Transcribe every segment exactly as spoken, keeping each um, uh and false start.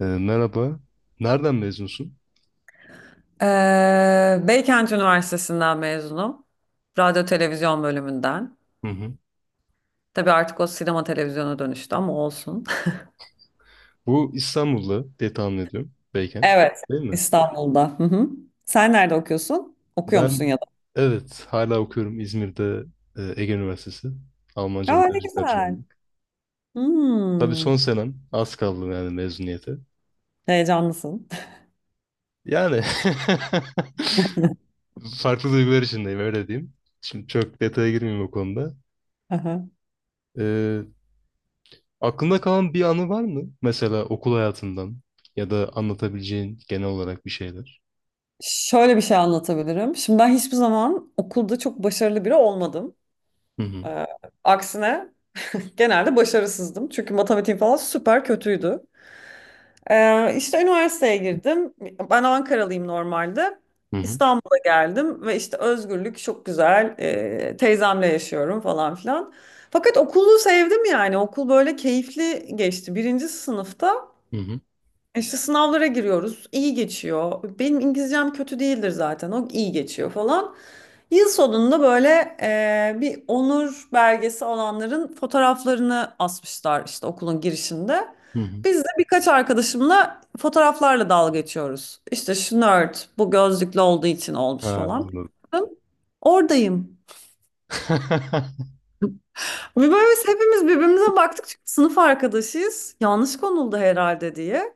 Ee, merhaba. Nereden mezunsun? Ee, Beykent Üniversitesi'nden mezunum. Radyo televizyon bölümünden. Hı hı. Tabii artık o sinema televizyona dönüştü ama olsun. Bu İstanbul'da diye tahmin ediyorum. Beykent. Evet, Değil mi? İstanbul'da. Hı hı. Sen nerede okuyorsun? Okuyor Ben, musun ya da? evet, hala okuyorum İzmir'de, e, Ege Üniversitesi. Almanca ve Aa, ne tercih güzel. tercümanlık. Tabii Hmm, son senem. Az kaldı yani mezuniyete. heyecanlısın. Yani farklı duygular içindeyim, öyle diyeyim. Şimdi çok detaya girmeyeyim o konuda. Aha. Ee, Aklında kalan bir anı var mı? Mesela okul hayatından ya da anlatabileceğin genel olarak bir şeyler. Şöyle bir şey anlatabilirim. Şimdi ben hiçbir zaman okulda çok başarılı biri olmadım. Hı hı. Ee, aksine genelde başarısızdım. Çünkü matematiğim falan süper kötüydü. Ee, işte üniversiteye girdim. Ben Ankaralıyım normalde. Hı hı. İstanbul'a geldim ve işte özgürlük çok güzel. Ee, teyzemle yaşıyorum falan filan. Fakat okulu sevdim yani. Okul böyle keyifli geçti. Birinci sınıfta Hı hı. işte sınavlara giriyoruz, iyi geçiyor. Benim İngilizcem kötü değildir zaten. O iyi geçiyor falan. Yıl sonunda böyle eee, bir onur belgesi olanların fotoğraflarını asmışlar işte okulun girişinde. Hı hı. Biz de birkaç arkadaşımla fotoğraflarla dalga geçiyoruz. İşte şu nerd bu gözlüklü olduğu için Ha, olmuş falan. anladım. Oradayım. Ve böyle biz hepimiz birbirimize baktık çünkü sınıf arkadaşıyız. Yanlış konuldu herhalde diye.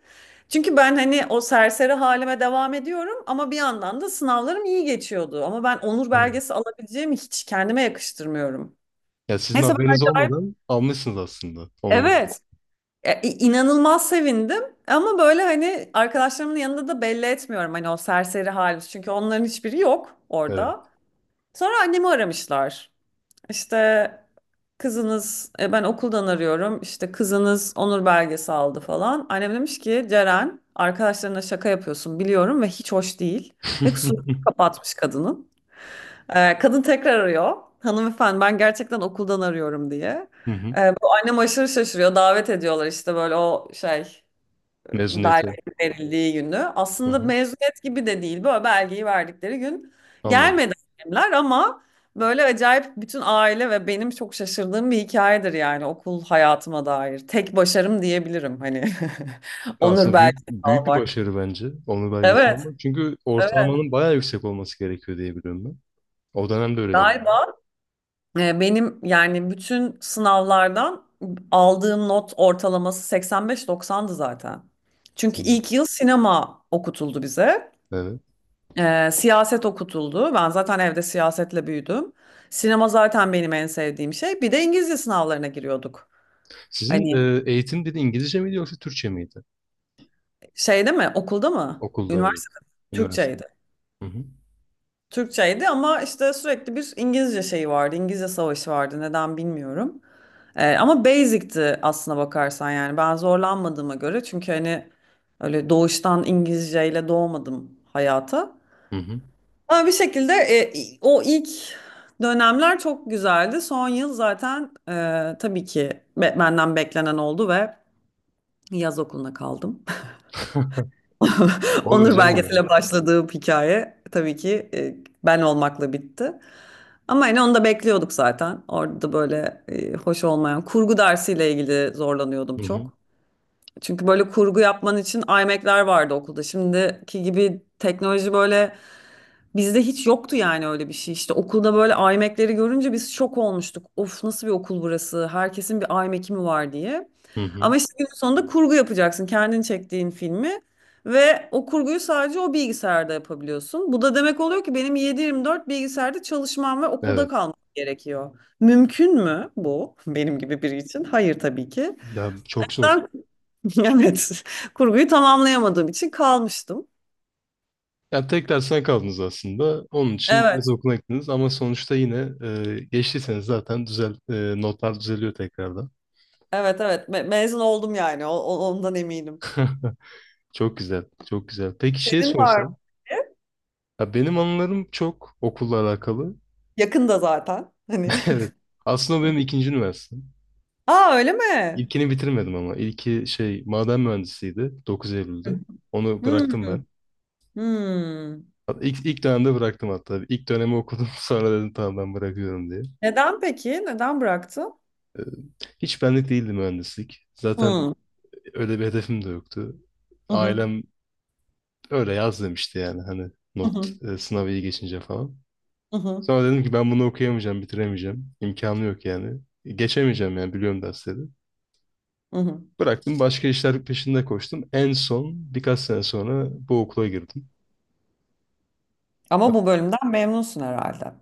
Çünkü ben hani o serseri halime devam ediyorum ama bir yandan da sınavlarım iyi geçiyordu. Ama ben onur Hı. belgesi alabileceğimi hiç kendime yakıştırmıyorum. Ya sizin Neyse ben haberiniz acayip, olmadan almışsınız aslında onu, onurlarınızı. evet, e, inanılmaz sevindim ama böyle hani arkadaşlarımın yanında da belli etmiyorum hani o serseri halimiz. Çünkü onların hiçbiri yok Evet. orada. Sonra annemi aramışlar. İşte Kızınız, e, ben okuldan arıyorum işte kızınız onur belgesi aldı falan. Annem demiş ki Ceren arkadaşlarına şaka yapıyorsun biliyorum ve hiç hoş değil. Ve kusurunu kapatmış kadının. E, kadın tekrar arıyor. Hanımefendi ben gerçekten okuldan arıyorum diye. Hı hı. E, bu annem aşırı şaşırıyor. Davet ediyorlar işte böyle o şey belge Mezuniyete. verildiği günü. Hı Aslında hı. mezuniyet gibi de değil. Böyle belgeyi verdikleri gün Anladım. gelmedi annemler ama böyle acayip bütün aile ve benim çok şaşırdığım bir hikayedir yani okul hayatıma dair. Tek başarım diyebilirim hani. Ya Onur aslında büyük belgesi büyük bir almak. başarı bence onur belgesi Evet, almak. Çünkü evet. ortalamanın bayağı yüksek olması gerekiyor diye biliyorum ben. O dönemde öyledir yani. Galiba e, benim yani bütün sınavlardan aldığım not ortalaması seksen beş doksandı zaten. Çünkü Hı. ilk yıl sinema okutuldu bize. Evet. Ee, siyaset okutuldu. Ben zaten evde siyasetle büyüdüm. Sinema zaten benim en sevdiğim şey. Bir de İngilizce sınavlarına giriyorduk. Sizin Hani e, eğitim dedi İngilizce miydi yoksa Türkçe miydi? şeyde mi? Okulda mı? Okulda, evet. Üniversitede mi? Üniversitede. Türkçeydi. Hı hı. Türkçeydi ama işte sürekli bir İngilizce şeyi vardı. İngilizce savaşı vardı. Neden bilmiyorum. Ee, ama basic'ti aslına bakarsan yani. Ben zorlanmadığıma göre. Çünkü hani öyle doğuştan İngilizceyle doğmadım hayata. Hı hı. Ama bir şekilde, e, o ilk dönemler çok güzeldi. Son yıl zaten e, tabii ki be- benden beklenen oldu ve yaz okuluna kaldım. Olur Onur canım, olur. belgesiyle başladığım hikaye tabii ki e, ben olmakla bitti. Ama hani onu da bekliyorduk zaten. Orada böyle e, hoş olmayan kurgu dersiyle ilgili zorlanıyordum Hı hı. çok. Çünkü böyle kurgu yapman için iMac'ler vardı okulda. Şimdiki gibi teknoloji böyle bizde hiç yoktu yani öyle bir şey. İşte okulda böyle iMac'leri görünce biz şok olmuştuk. Of nasıl bir okul burası? Herkesin bir iMac'i mi var diye. Hı hı. Ama işte günün sonunda kurgu yapacaksın. Kendin çektiğin filmi ve o kurguyu sadece o bilgisayarda yapabiliyorsun. Bu da demek oluyor ki benim yedi yirmi dört bilgisayarda çalışmam ve okulda Evet. kalmam gerekiyor. Mümkün mü bu benim gibi biri için? Hayır tabii ki. Ya çok zor. Evet. Kurguyu tamamlayamadığım için kalmıştım. Yani tek dersten kaldınız aslında. Onun için yaz Evet. okuluna gittiniz ama sonuçta yine e, geçtiyseniz zaten düzel e, notlar düzeliyor tekrardan. Evet evet Me- mezun oldum yani. O- o- ondan eminim. Çok güzel, çok güzel. Peki şey Senin var mı? sorsam, ya benim anılarım çok okulla alakalı. Yakında zaten. Hani. Evet, aslında o benim ikinci üniversitem. Aa öyle mi? İlkini bitirmedim ama. İlki şey, maden mühendisiydi, dokuz Eylül'de. Onu bıraktım Hmm. ben. Hmm. Hatta İlk, ilk dönemde bıraktım hatta. İlk dönemi okudum sonra dedim tamam ben bırakıyorum diye. Neden peki? Neden bıraktın? Hiç benlik değildi mühendislik. Zaten Hmm. öyle bir hedefim de yoktu. Hı hı. Ailem öyle yaz demişti yani, hani Hı not, hı. e, sınavı iyi geçince falan. Hı hı. Sonra dedim ki ben bunu okuyamayacağım, bitiremeyeceğim. İmkanı yok yani. E, Geçemeyeceğim yani, biliyorum dersleri. Hı hı. Bıraktım, başka işler peşinde koştum. En son birkaç sene sonra bu okula girdim. Ama bu bölümden memnunsun herhalde.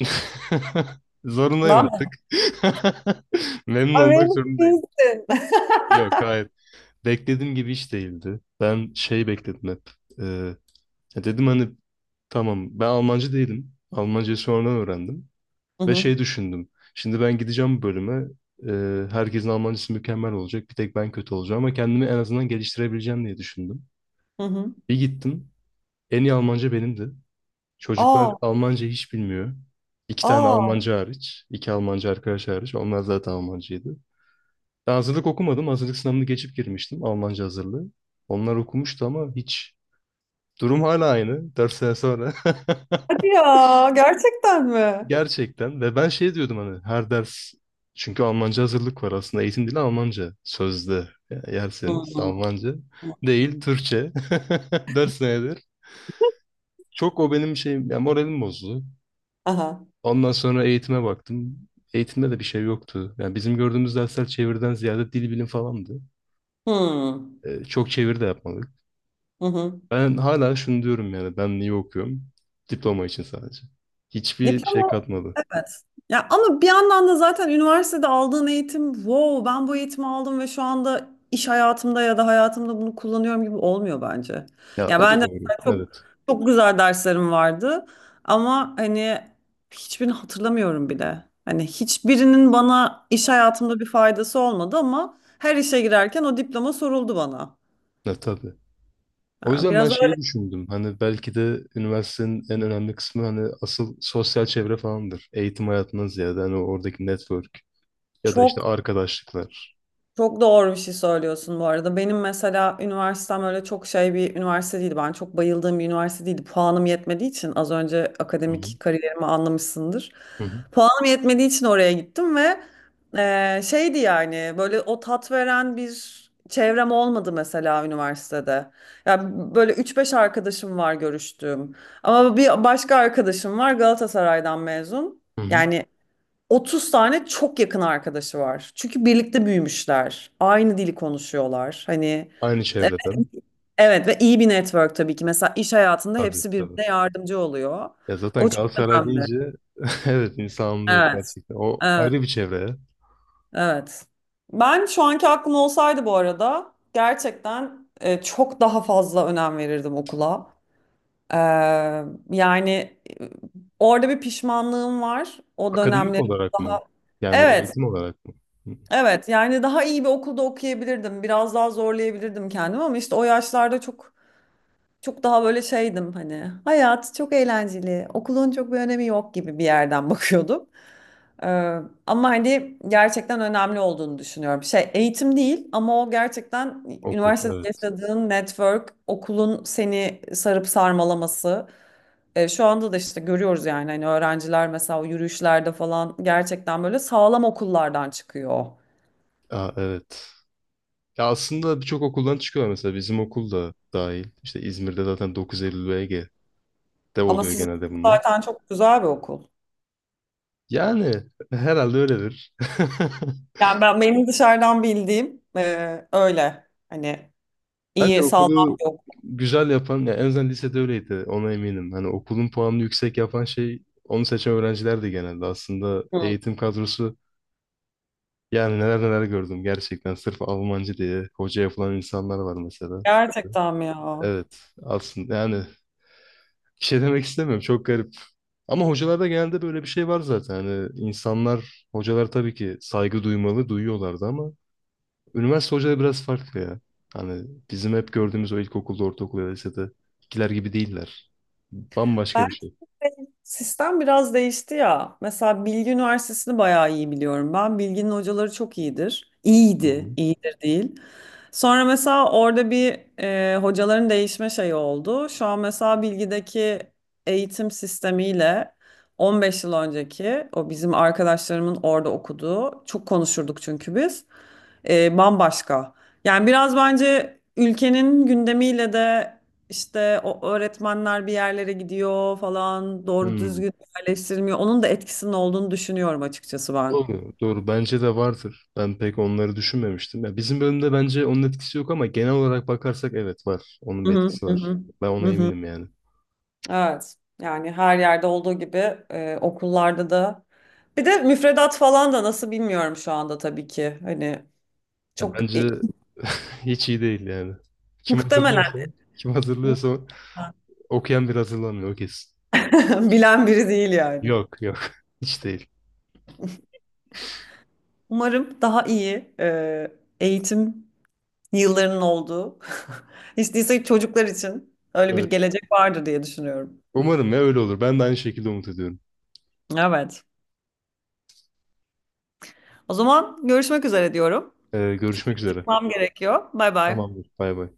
Zorundayım Lan artık. Memnun olmak memnun zorundayım. değilsin. Yok, hayır. Beklediğim gibi hiç değildi. Ben şey bekledim hep. Ee, Ya dedim hani, tamam. Ben Almancı değilim. Almancayı sonradan öğrendim. Hı Ve hı. şey düşündüm. Şimdi ben gideceğim bu bölüme. E, herkesin Almancısı mükemmel olacak. Bir tek ben kötü olacağım ama kendimi en azından geliştirebileceğim diye düşündüm. Hı hı. Bir gittim. En iyi Almanca benimdi. Çocuklar Aa, Almanca hiç bilmiyor. İki tane aa. Almanca hariç. İki Almanca arkadaş hariç. Onlar zaten Almancıydı. Ben hazırlık okumadım. Hazırlık sınavını geçip girmiştim. Almanca hazırlığı. Onlar okumuştu ama hiç. Durum hala aynı. Dört sene sonra. Hadi ya. Gerçekten mi? Gerçekten, ve ben şey diyordum hani her ders, çünkü Almanca hazırlık var, aslında eğitim dili Almanca sözde. Ya- Hı Yerseniz, Almanca değil, hı. Türkçe ders nedir? Çok o benim şeyim yani, moralim bozdu. Aha. Ondan sonra eğitime baktım. Eğitimde de bir şey yoktu. Yani bizim gördüğümüz dersler çeviriden ziyade dil bilim falandı. Hmm. Ee, çok çeviri de yapmadık. Hı hı. Ben hala şunu diyorum yani, ben niye okuyorum? Diploma için sadece. Hiçbir şey Diploma. katmadı. Evet. Ya ama bir yandan da zaten üniversitede aldığın eğitim, wow, ben bu eğitimi aldım ve şu anda iş hayatımda ya da hayatımda bunu kullanıyorum gibi olmuyor bence. Ya Ya o da ben de doğru. mesela çok Evet. çok güzel derslerim vardı ama hani hiçbirini hatırlamıyorum bile. Hani hiçbirinin bana iş hayatımda bir faydası olmadı ama her işe girerken o diploma soruldu bana. Evet, tabii. O Yani yüzden ben biraz öyle şeyi düşündüm. Hani belki de üniversitenin en önemli kısmı hani asıl sosyal çevre falandır. Eğitim hayatından ziyade hani oradaki network ya da işte çok. arkadaşlıklar. Çok doğru bir şey söylüyorsun bu arada. Benim mesela üniversitem öyle çok şey bir üniversite değildi. Ben çok bayıldığım bir üniversite değildi. Puanım yetmediği için az önce Hı hı. akademik kariyerimi anlamışsındır. Hı hı. Puanım yetmediği için oraya gittim ve eee, şeydi yani böyle o tat veren bir çevrem olmadı mesela üniversitede. Ya böyle üç beş arkadaşım var görüştüğüm. Ama bir başka arkadaşım var Galatasaray'dan mezun. Hı hı. Yani otuz tane çok yakın arkadaşı var. Çünkü birlikte büyümüşler. Aynı dili konuşuyorlar. Hani Aynı e, çevreden. evet ve iyi bir network tabii ki. Mesela iş hayatında Tabii, hepsi tabii. birbirine yardımcı oluyor. Ya zaten O çok Galatasaray önemli. deyince evet, insan anlıyor Evet. gerçekten. O Evet. ayrı bir çevre ya. Evet. Ben şu anki aklım olsaydı bu arada gerçekten e, çok daha fazla önem verirdim okula. Ee, yani e, orada bir pişmanlığım var. O Akademik dönemlerim olarak daha. mı? Yani Evet. eğitim olarak mı? Hı. Evet, yani daha iyi bir okulda okuyabilirdim. Biraz daha zorlayabilirdim kendimi ama işte o yaşlarda çok çok daha böyle şeydim hani. Hayat çok eğlenceli. Okulun çok bir önemi yok gibi bir yerden bakıyordum. Ee, ama hani gerçekten önemli olduğunu düşünüyorum. Şey eğitim değil ama o gerçekten Okul, üniversitede evet. yaşadığın network, okulun seni sarıp sarmalaması. Ee, şu anda da işte görüyoruz yani hani öğrenciler mesela o yürüyüşlerde falan gerçekten böyle sağlam okullardan çıkıyor. Aa, evet. Ya aslında birçok okuldan çıkıyor mesela, bizim okul da dahil. İşte İzmir'de zaten dokuz Eylül, ve ge. De Ama oluyor sizin genelde bunlar. zaten çok güzel bir okul. Yani herhalde öyledir. Yani ben, benim dışarıdan bildiğim e, öyle. Hani Bence iyi, sağlam okulu bir okul. güzel yapan, ya en azından lisede öyleydi, ona eminim. Hani okulun puanını yüksek yapan şey onu seçen öğrencilerdi genelde. Aslında Hı. eğitim kadrosu yani, neler neler gördüm gerçekten. Sırf Almancı diye hoca yapılan insanlar var mesela. Gerçekten mi ya? Evet aslında yani, bir şey demek istemiyorum, çok garip. Ama hocalarda genelde böyle bir şey var zaten. Hani insanlar, hocalar tabii ki saygı duymalı, duyuyorlardı ama üniversite hocaları biraz farklı ya. Hani bizim hep gördüğümüz o ilkokulda, ortaokulda, lisede ikiler gibi değiller. Bambaşka bir Belki şey. sistem biraz değişti ya. Mesela Bilgi Üniversitesi'ni bayağı iyi biliyorum ben. Bilgi'nin hocaları çok iyidir. Hı hı. İyiydi, iyidir değil. Sonra mesela orada bir e, hocaların değişme şeyi oldu. Şu an mesela Bilgi'deki eğitim sistemiyle on beş yıl önceki o bizim arkadaşlarımın orada okuduğu çok konuşurduk çünkü biz e, bambaşka. Yani biraz bence ülkenin gündemiyle de işte o öğretmenler bir yerlere gidiyor falan doğru Hmm. düzgün yerleştirmiyor. Onun da etkisinin olduğunu düşünüyorum açıkçası ben. Doğru, doğru. Bence de vardır. Ben pek onları düşünmemiştim. Ya bizim bölümde bence onun etkisi yok ama genel olarak bakarsak evet, var. Onun Hı bir hı etkisi hı var. hı. Ben Hı ona hı. eminim yani. Evet. Yani her yerde olduğu gibi e, okullarda da. Bir de müfredat falan da nasıl bilmiyorum şu anda tabii ki. Hani Ya çok bence e, hiç iyi değil yani. Kim muhtemelen hazırlıyorsa, kim hazırlıyorsa okuyan bir hazırlanmıyor, o kesin. bilen biri değil yani. Yok, yok. Hiç değil. Umarım daha iyi e, eğitim yıllarının olduğu. Hiç değilse çocuklar için öyle bir Evet. gelecek vardır diye düşünüyorum. Umarım ya, öyle olur. Ben de aynı şekilde umut ediyorum. Evet. O zaman görüşmek üzere diyorum. Ee, Çünkü Görüşmek üzere. çıkmam gerekiyor. Bay bay. Tamamdır. Bay bay.